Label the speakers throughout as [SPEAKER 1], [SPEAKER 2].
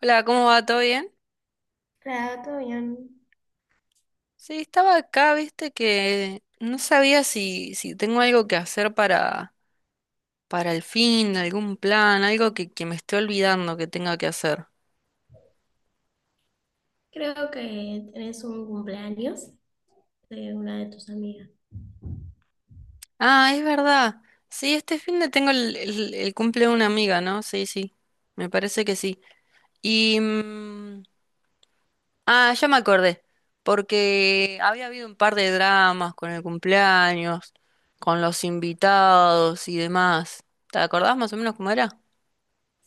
[SPEAKER 1] Hola, ¿cómo va? ¿Todo bien?
[SPEAKER 2] Claro, todo bien.
[SPEAKER 1] Sí, estaba acá, viste que no sabía si tengo algo que hacer para el fin, algún plan, algo que me esté olvidando que tenga que hacer.
[SPEAKER 2] Creo que tenés un cumpleaños de una de tus amigas.
[SPEAKER 1] Ah, es verdad. Sí, este fin de tengo el cumple de una amiga, ¿no? Sí, sí. Me parece que sí. Y... mm, ah, ya me acordé. Porque había habido un par de dramas con el cumpleaños, con los invitados y demás. ¿Te acordás más o menos cómo era?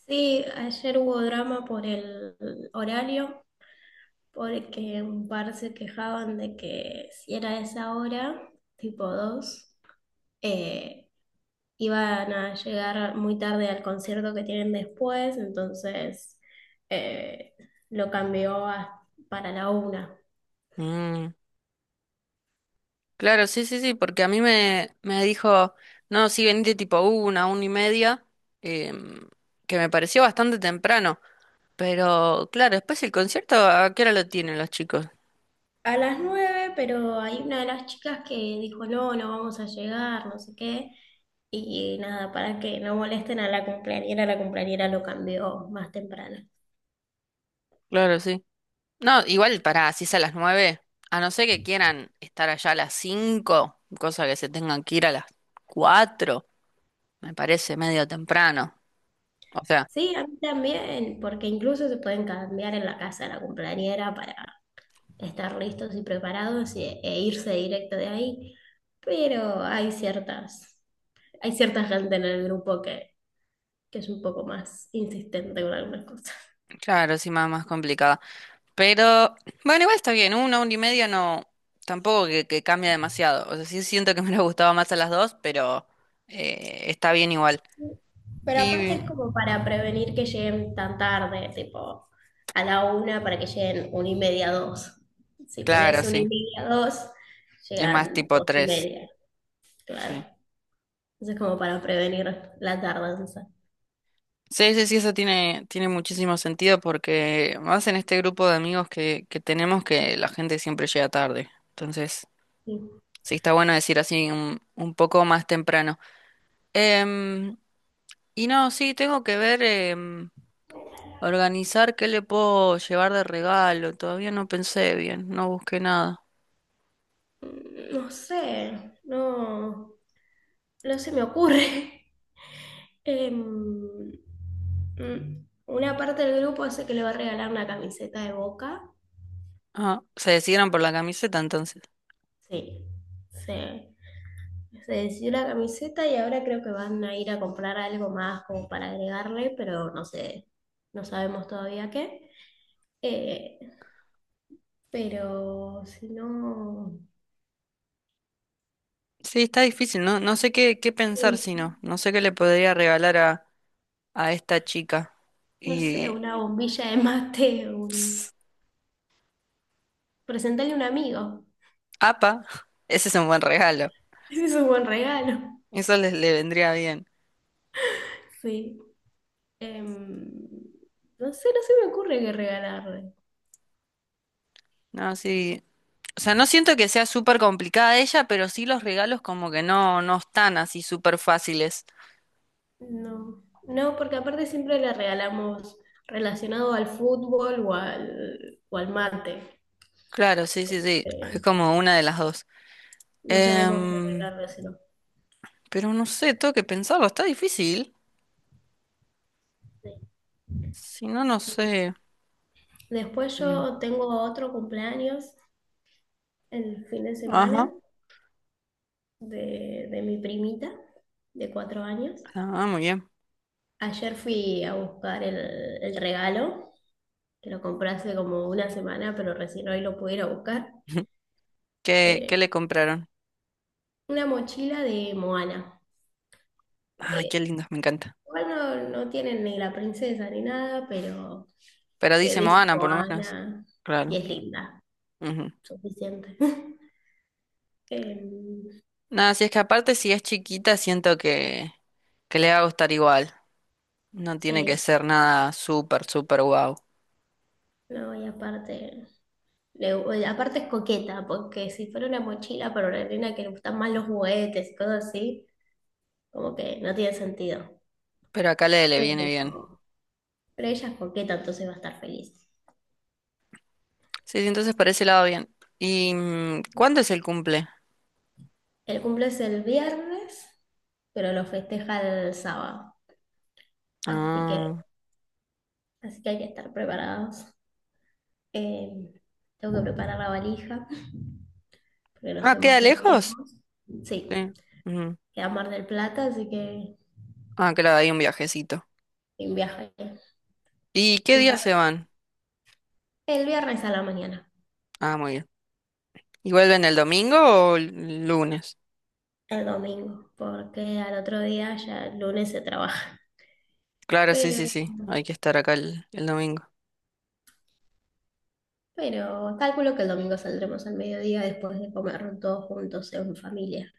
[SPEAKER 2] Sí, ayer hubo drama por el horario, porque un par se quejaban de que si era esa hora, tipo 2, eh, iban a llegar muy tarde al concierto que tienen después, entonces eh, lo cambió a- para la una.
[SPEAKER 1] Mm. Claro, sí, sí, sí, porque a mí me dijo, no, sí, venite tipo una y media, em, que me pareció bastante temprano, pero claro, después el concierto, ¿a qué hora lo tienen los chicos?
[SPEAKER 2] A las nueve, pero hay una de las chicas que dijo, no, no vamos a llegar, no sé qué. Y nada, para que no molesten a la cumpleañera lo cambió más temprano.
[SPEAKER 1] Claro, sí. No, igual para, si es a las nueve, a no ser que quieran estar allá a las cinco, cosa que se tengan que ir a las cuatro, me parece medio temprano. O sea,
[SPEAKER 2] Sí, a mí también, porque incluso se pueden cambiar en la casa de la cumpleañera para estar listos y e irse directo de ahí. Pero hay ciertas, hay cierta gente en el grupo que es un poco más insistente con algunas cosas.
[SPEAKER 1] claro, sí, más, más complicada. Pero, bueno, igual está bien, una y media no, tampoco que cambia demasiado. O sea, sí siento que me hubiera gustado más a las dos, pero está bien igual.
[SPEAKER 2] Pero aparte es
[SPEAKER 1] Y
[SPEAKER 2] como para prevenir que lleguen tan tarde, tipo a la una para que lleguen una y media, dos. Si
[SPEAKER 1] claro,
[SPEAKER 2] pones una y
[SPEAKER 1] sí,
[SPEAKER 2] media, dos,
[SPEAKER 1] es más
[SPEAKER 2] llegan
[SPEAKER 1] tipo
[SPEAKER 2] dos y
[SPEAKER 1] tres,
[SPEAKER 2] media, claro.
[SPEAKER 1] sí.
[SPEAKER 2] Entonces como para prevenir la tardanza.
[SPEAKER 1] Sí, sí, sí, eso tiene, tiene muchísimo sentido porque más en este grupo de amigos que tenemos que la gente siempre llega tarde. Entonces,
[SPEAKER 2] Sí.
[SPEAKER 1] sí, está bueno decir así un poco más temprano. Em, y no, sí, tengo que ver. Organizar qué le puedo llevar de regalo. Todavía no pensé bien, no busqué nada.
[SPEAKER 2] No sé, no, no se me ocurre. Em, una parte del grupo hace que le va a regalar una camiseta de Boca.
[SPEAKER 1] Ah, se decidieron por la camiseta entonces.
[SPEAKER 2] Sí, sí. Se decidió la camiseta y ahora creo que van a ir a comprar algo más como para agregarle, pero no sé, no sabemos todavía qué. Eh, pero si no,
[SPEAKER 1] Sí, está difícil, no, no sé qué, qué pensar
[SPEAKER 2] eh,
[SPEAKER 1] si no. No sé qué le podría regalar a esta chica.
[SPEAKER 2] no sé,
[SPEAKER 1] Y...
[SPEAKER 2] una bombilla de mate,
[SPEAKER 1] ps,
[SPEAKER 2] presentarle a un amigo.
[SPEAKER 1] Apa, ese es un buen regalo.
[SPEAKER 2] Ese es un buen regalo.
[SPEAKER 1] Eso les le vendría bien.
[SPEAKER 2] Sí. Em, no sé, no se me ocurre qué regalarle.
[SPEAKER 1] No, sí. O sea, no siento que sea súper complicada ella, pero sí los regalos como que no, no están así súper fáciles.
[SPEAKER 2] No, no, porque aparte siempre le regalamos relacionado al fútbol o al mate.
[SPEAKER 1] Claro, sí, sí, sí. Es
[SPEAKER 2] Eh,
[SPEAKER 1] como una de las dos.
[SPEAKER 2] No sabemos qué
[SPEAKER 1] Em,
[SPEAKER 2] regalárselo.
[SPEAKER 1] Pero no sé, tengo que pensarlo, está difícil.
[SPEAKER 2] Sí.
[SPEAKER 1] Si no, no sé.
[SPEAKER 2] Después
[SPEAKER 1] Mm,
[SPEAKER 2] yo tengo otro cumpleaños el fin de
[SPEAKER 1] ajá.
[SPEAKER 2] semana de mi primita de 4 años.
[SPEAKER 1] Ah, muy bien.
[SPEAKER 2] Ayer fui a buscar el regalo, que lo compré hace como una semana, pero recién hoy lo pude ir a buscar.
[SPEAKER 1] ¿Qué, qué
[SPEAKER 2] Eh,
[SPEAKER 1] le compraron?
[SPEAKER 2] una mochila de Moana.
[SPEAKER 1] Ay,
[SPEAKER 2] Eh,
[SPEAKER 1] qué lindos, me encanta.
[SPEAKER 2] Igual no, no tienen ni la princesa ni nada, pero
[SPEAKER 1] Pero dice
[SPEAKER 2] dice
[SPEAKER 1] Moana, por lo menos.
[SPEAKER 2] Moana y
[SPEAKER 1] Claro.
[SPEAKER 2] es linda,
[SPEAKER 1] Ujú.
[SPEAKER 2] suficiente. Em,
[SPEAKER 1] Nada, si es que aparte, si es chiquita, siento que le va a gustar igual. No tiene que
[SPEAKER 2] sí,
[SPEAKER 1] ser nada súper, súper guau.
[SPEAKER 2] no, y aparte, le- aparte es coqueta, porque si fuera una mochila para una nena que le gustan más los juguetes y cosas así, como que no tiene sentido.
[SPEAKER 1] Pero acá le, le viene
[SPEAKER 2] Pero,
[SPEAKER 1] bien.
[SPEAKER 2] pero ella es coqueta, entonces va a estar feliz.
[SPEAKER 1] Sí, sí, entonces por ese lado bien. ¿Y cuándo es el cumple?
[SPEAKER 2] El cumple es el viernes, pero lo festeja el sábado. Así que,
[SPEAKER 1] Ah,
[SPEAKER 2] así que hay que estar preparados. Eh, Tengo que preparar la valija, porque nos
[SPEAKER 1] ah,
[SPEAKER 2] tenemos
[SPEAKER 1] ¿queda
[SPEAKER 2] que ir
[SPEAKER 1] lejos?
[SPEAKER 2] lejos. Sí,
[SPEAKER 1] Sí. Ujú.
[SPEAKER 2] queda Mar del Plata, así que
[SPEAKER 1] Ah, claro, hay un viajecito.
[SPEAKER 2] un viaje.
[SPEAKER 1] ¿Y qué
[SPEAKER 2] un
[SPEAKER 1] día
[SPEAKER 2] par-
[SPEAKER 1] se van?
[SPEAKER 2] El viernes a la mañana.
[SPEAKER 1] Ah, muy bien. ¿Y vuelven el domingo o el lunes?
[SPEAKER 2] El domingo, porque al otro día ya el lunes se trabaja.
[SPEAKER 1] Claro, sí,
[SPEAKER 2] Pero,
[SPEAKER 1] sí, sí. Hay que estar acá el domingo.
[SPEAKER 2] pero calculo que el domingo saldremos al mediodía después de comer todos juntos en familia.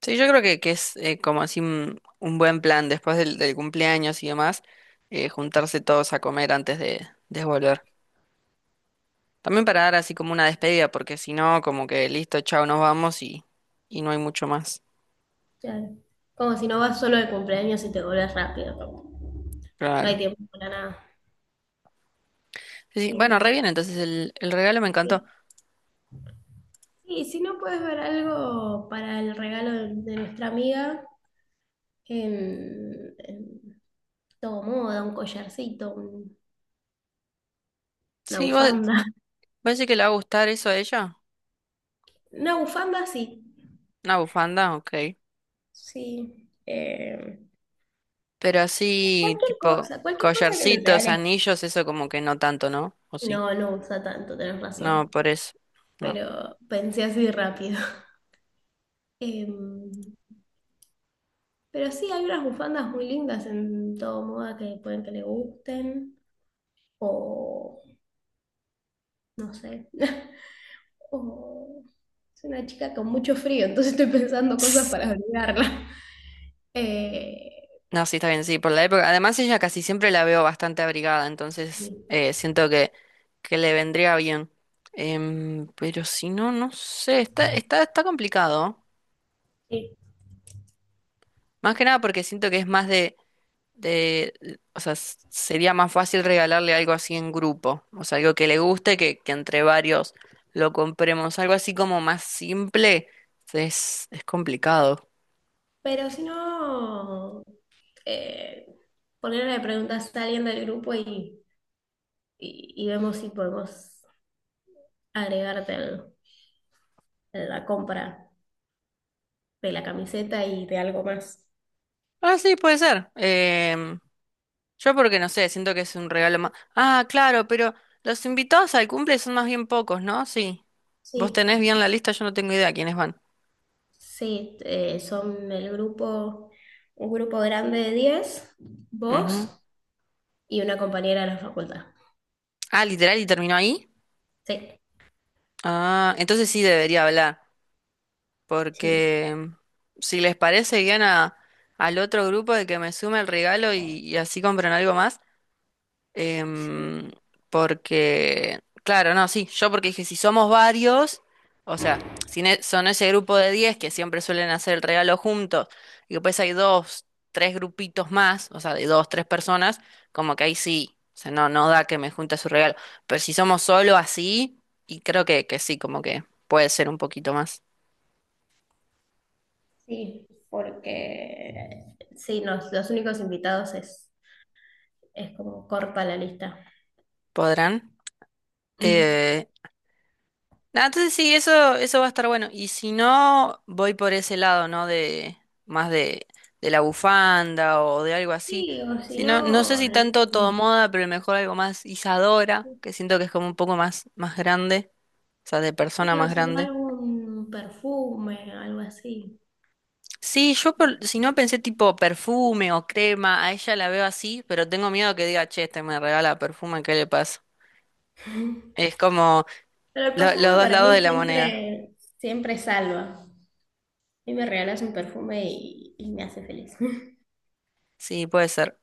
[SPEAKER 1] Sí, yo creo que es como así un buen plan después del, del cumpleaños y demás, juntarse todos a comer antes de volver. También para dar así como una despedida, porque si no, como que listo, chao, nos vamos y no hay mucho más.
[SPEAKER 2] Ya, como si no vas solo de cumpleaños y te volvés rápido, como no hay
[SPEAKER 1] Claro.
[SPEAKER 2] tiempo para nada.
[SPEAKER 1] Sí, sí. Bueno,
[SPEAKER 2] Pero
[SPEAKER 1] re bien, entonces el regalo me encantó.
[SPEAKER 2] sí. Y si no puedes ver algo para el regalo de nuestra amiga, em, em, todo moda, un collarcito, una
[SPEAKER 1] Sí, ¿vos,
[SPEAKER 2] bufanda.
[SPEAKER 1] vos decís que le va a gustar eso a ella?
[SPEAKER 2] Una bufanda, sí.
[SPEAKER 1] ¿Una bufanda? Ok.
[SPEAKER 2] Sí.
[SPEAKER 1] Pero así, tipo,
[SPEAKER 2] Cualquier cosa que lo
[SPEAKER 1] collarcitos,
[SPEAKER 2] reales.
[SPEAKER 1] anillos, eso como que no tanto, ¿no? ¿O sí?
[SPEAKER 2] No, no usa tanto, tenés
[SPEAKER 1] No,
[SPEAKER 2] razón.
[SPEAKER 1] por eso. No.
[SPEAKER 2] Pero pensé así rápido. Em, pero sí, hay unas bufandas muy lindas en todo moda que pueden que le gusten. O no sé. O soy una chica con mucho frío, entonces estoy pensando cosas
[SPEAKER 1] Tss.
[SPEAKER 2] para abrigarla. Eh,
[SPEAKER 1] No, sí, está bien, sí, por la época. Además, ella casi siempre la veo bastante abrigada, entonces
[SPEAKER 2] sí,
[SPEAKER 1] siento que le vendría bien. Pero si no, no sé, está, está, está complicado, ¿eh?
[SPEAKER 2] sí.
[SPEAKER 1] Más que nada porque siento que es más de, o sea, sería más fácil regalarle algo así en grupo, o sea, algo que le guste, que entre varios lo compremos, algo así como más simple, es complicado.
[SPEAKER 2] Pero si no, eh, ponerle preguntas a alguien del grupo y, y vemos si podemos agregarte al- a la compra de la camiseta y de algo más.
[SPEAKER 1] Ah, sí, puede ser. Yo porque no sé, siento que es un regalo más... Ah, claro, pero los invitados al cumple son más bien pocos, ¿no? Sí. Vos
[SPEAKER 2] Sí,
[SPEAKER 1] tenés bien la lista, yo no tengo idea quiénes van.
[SPEAKER 2] sí, son el grupo, un grupo grande de 10
[SPEAKER 1] Ujú.
[SPEAKER 2] vos y una compañera de la facultad.
[SPEAKER 1] Ah, literal, y terminó ahí.
[SPEAKER 2] Sí,
[SPEAKER 1] Ah, entonces sí debería hablar.
[SPEAKER 2] sí,
[SPEAKER 1] Porque si les parece bien a, al otro grupo de que me sume el regalo y así compran algo más,
[SPEAKER 2] sí,
[SPEAKER 1] em, porque, claro, no, sí, yo porque dije, si somos varios, o sea, si son ese grupo de 10 que siempre suelen hacer el regalo juntos y después hay dos, tres grupitos más, o sea, de dos, tres personas, como que ahí sí, o sea, no, no da que me junte su regalo, pero si somos solo así, y creo que sí, como que puede ser un poquito más.
[SPEAKER 2] sí, porque sí, los únicos invitados es como corta la lista.
[SPEAKER 1] ¿Podrán? Eh, nada, entonces sí, eso va a estar bueno. Y si no, voy por ese lado, ¿no? De más de la bufanda o de algo así.
[SPEAKER 2] Sí, o si
[SPEAKER 1] Si no, no sé
[SPEAKER 2] no,
[SPEAKER 1] si tanto todo
[SPEAKER 2] algún,
[SPEAKER 1] moda, pero mejor algo más Isadora, que siento que es como un poco más, más grande, o sea, de persona
[SPEAKER 2] sí, o
[SPEAKER 1] más
[SPEAKER 2] si no
[SPEAKER 1] grande.
[SPEAKER 2] algún perfume, algo así.
[SPEAKER 1] Sí, yo si no pensé tipo perfume o crema, a ella la veo así, pero tengo miedo que diga, che, este me regala perfume, ¿qué le pasa? Es como
[SPEAKER 2] Pero el
[SPEAKER 1] los
[SPEAKER 2] perfume
[SPEAKER 1] dos
[SPEAKER 2] para
[SPEAKER 1] lados de
[SPEAKER 2] mí
[SPEAKER 1] la moneda.
[SPEAKER 2] siempre, siempre salva. Y me regalas un perfume y me hace feliz.
[SPEAKER 1] Sí, puede ser.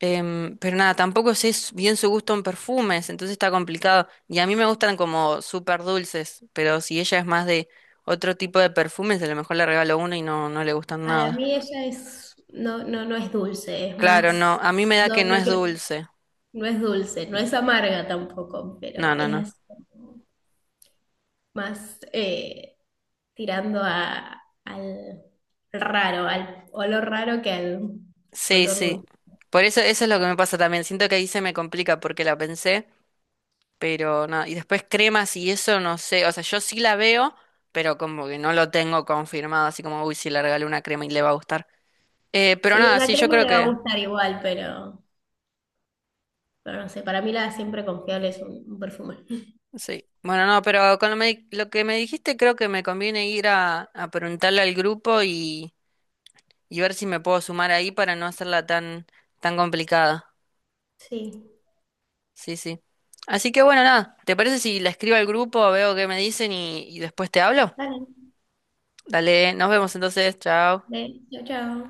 [SPEAKER 1] Pero nada, tampoco sé bien su gusto en perfumes, entonces está complicado. Y a mí me gustan como súper dulces, pero si ella es más de otro tipo de perfumes, a lo mejor le regalo uno y no, no le gustan
[SPEAKER 2] Para
[SPEAKER 1] nada.
[SPEAKER 2] mí ella es, no, no, no es dulce, es
[SPEAKER 1] Claro, no,
[SPEAKER 2] más,
[SPEAKER 1] a mí me da que
[SPEAKER 2] no,
[SPEAKER 1] no
[SPEAKER 2] no
[SPEAKER 1] es
[SPEAKER 2] creo,
[SPEAKER 1] dulce.
[SPEAKER 2] no es dulce, no es amarga tampoco, pero
[SPEAKER 1] No, no, no.
[SPEAKER 2] es más tirando a, al raro, al olor raro que al
[SPEAKER 1] Sí,
[SPEAKER 2] olor
[SPEAKER 1] sí.
[SPEAKER 2] dulce.
[SPEAKER 1] Por eso, eso es lo que me pasa también. Siento que ahí se me complica porque la pensé, pero nada. Y después cremas y eso no sé. O sea, yo sí la veo, pero como que no lo tengo confirmado, así como, uy, si le regalo una crema y le va a gustar. Pero
[SPEAKER 2] Sí,
[SPEAKER 1] nada,
[SPEAKER 2] una
[SPEAKER 1] sí, yo
[SPEAKER 2] crema
[SPEAKER 1] creo
[SPEAKER 2] le va a
[SPEAKER 1] que.
[SPEAKER 2] gustar igual, pero, no sé, para mí la siempre confiable es un perfume.
[SPEAKER 1] Sí. Bueno, no, pero con lo, lo que me dijiste creo que me conviene ir a preguntarle al grupo y ver si me puedo sumar ahí para no hacerla tan, tan complicada.
[SPEAKER 2] Sí,
[SPEAKER 1] Sí, sí. Así que bueno, nada, ¿te parece si la escribo al grupo, veo qué me dicen y después te hablo?
[SPEAKER 2] dale.
[SPEAKER 1] Dale, nos vemos entonces, chao.
[SPEAKER 2] Đấy, chào chào.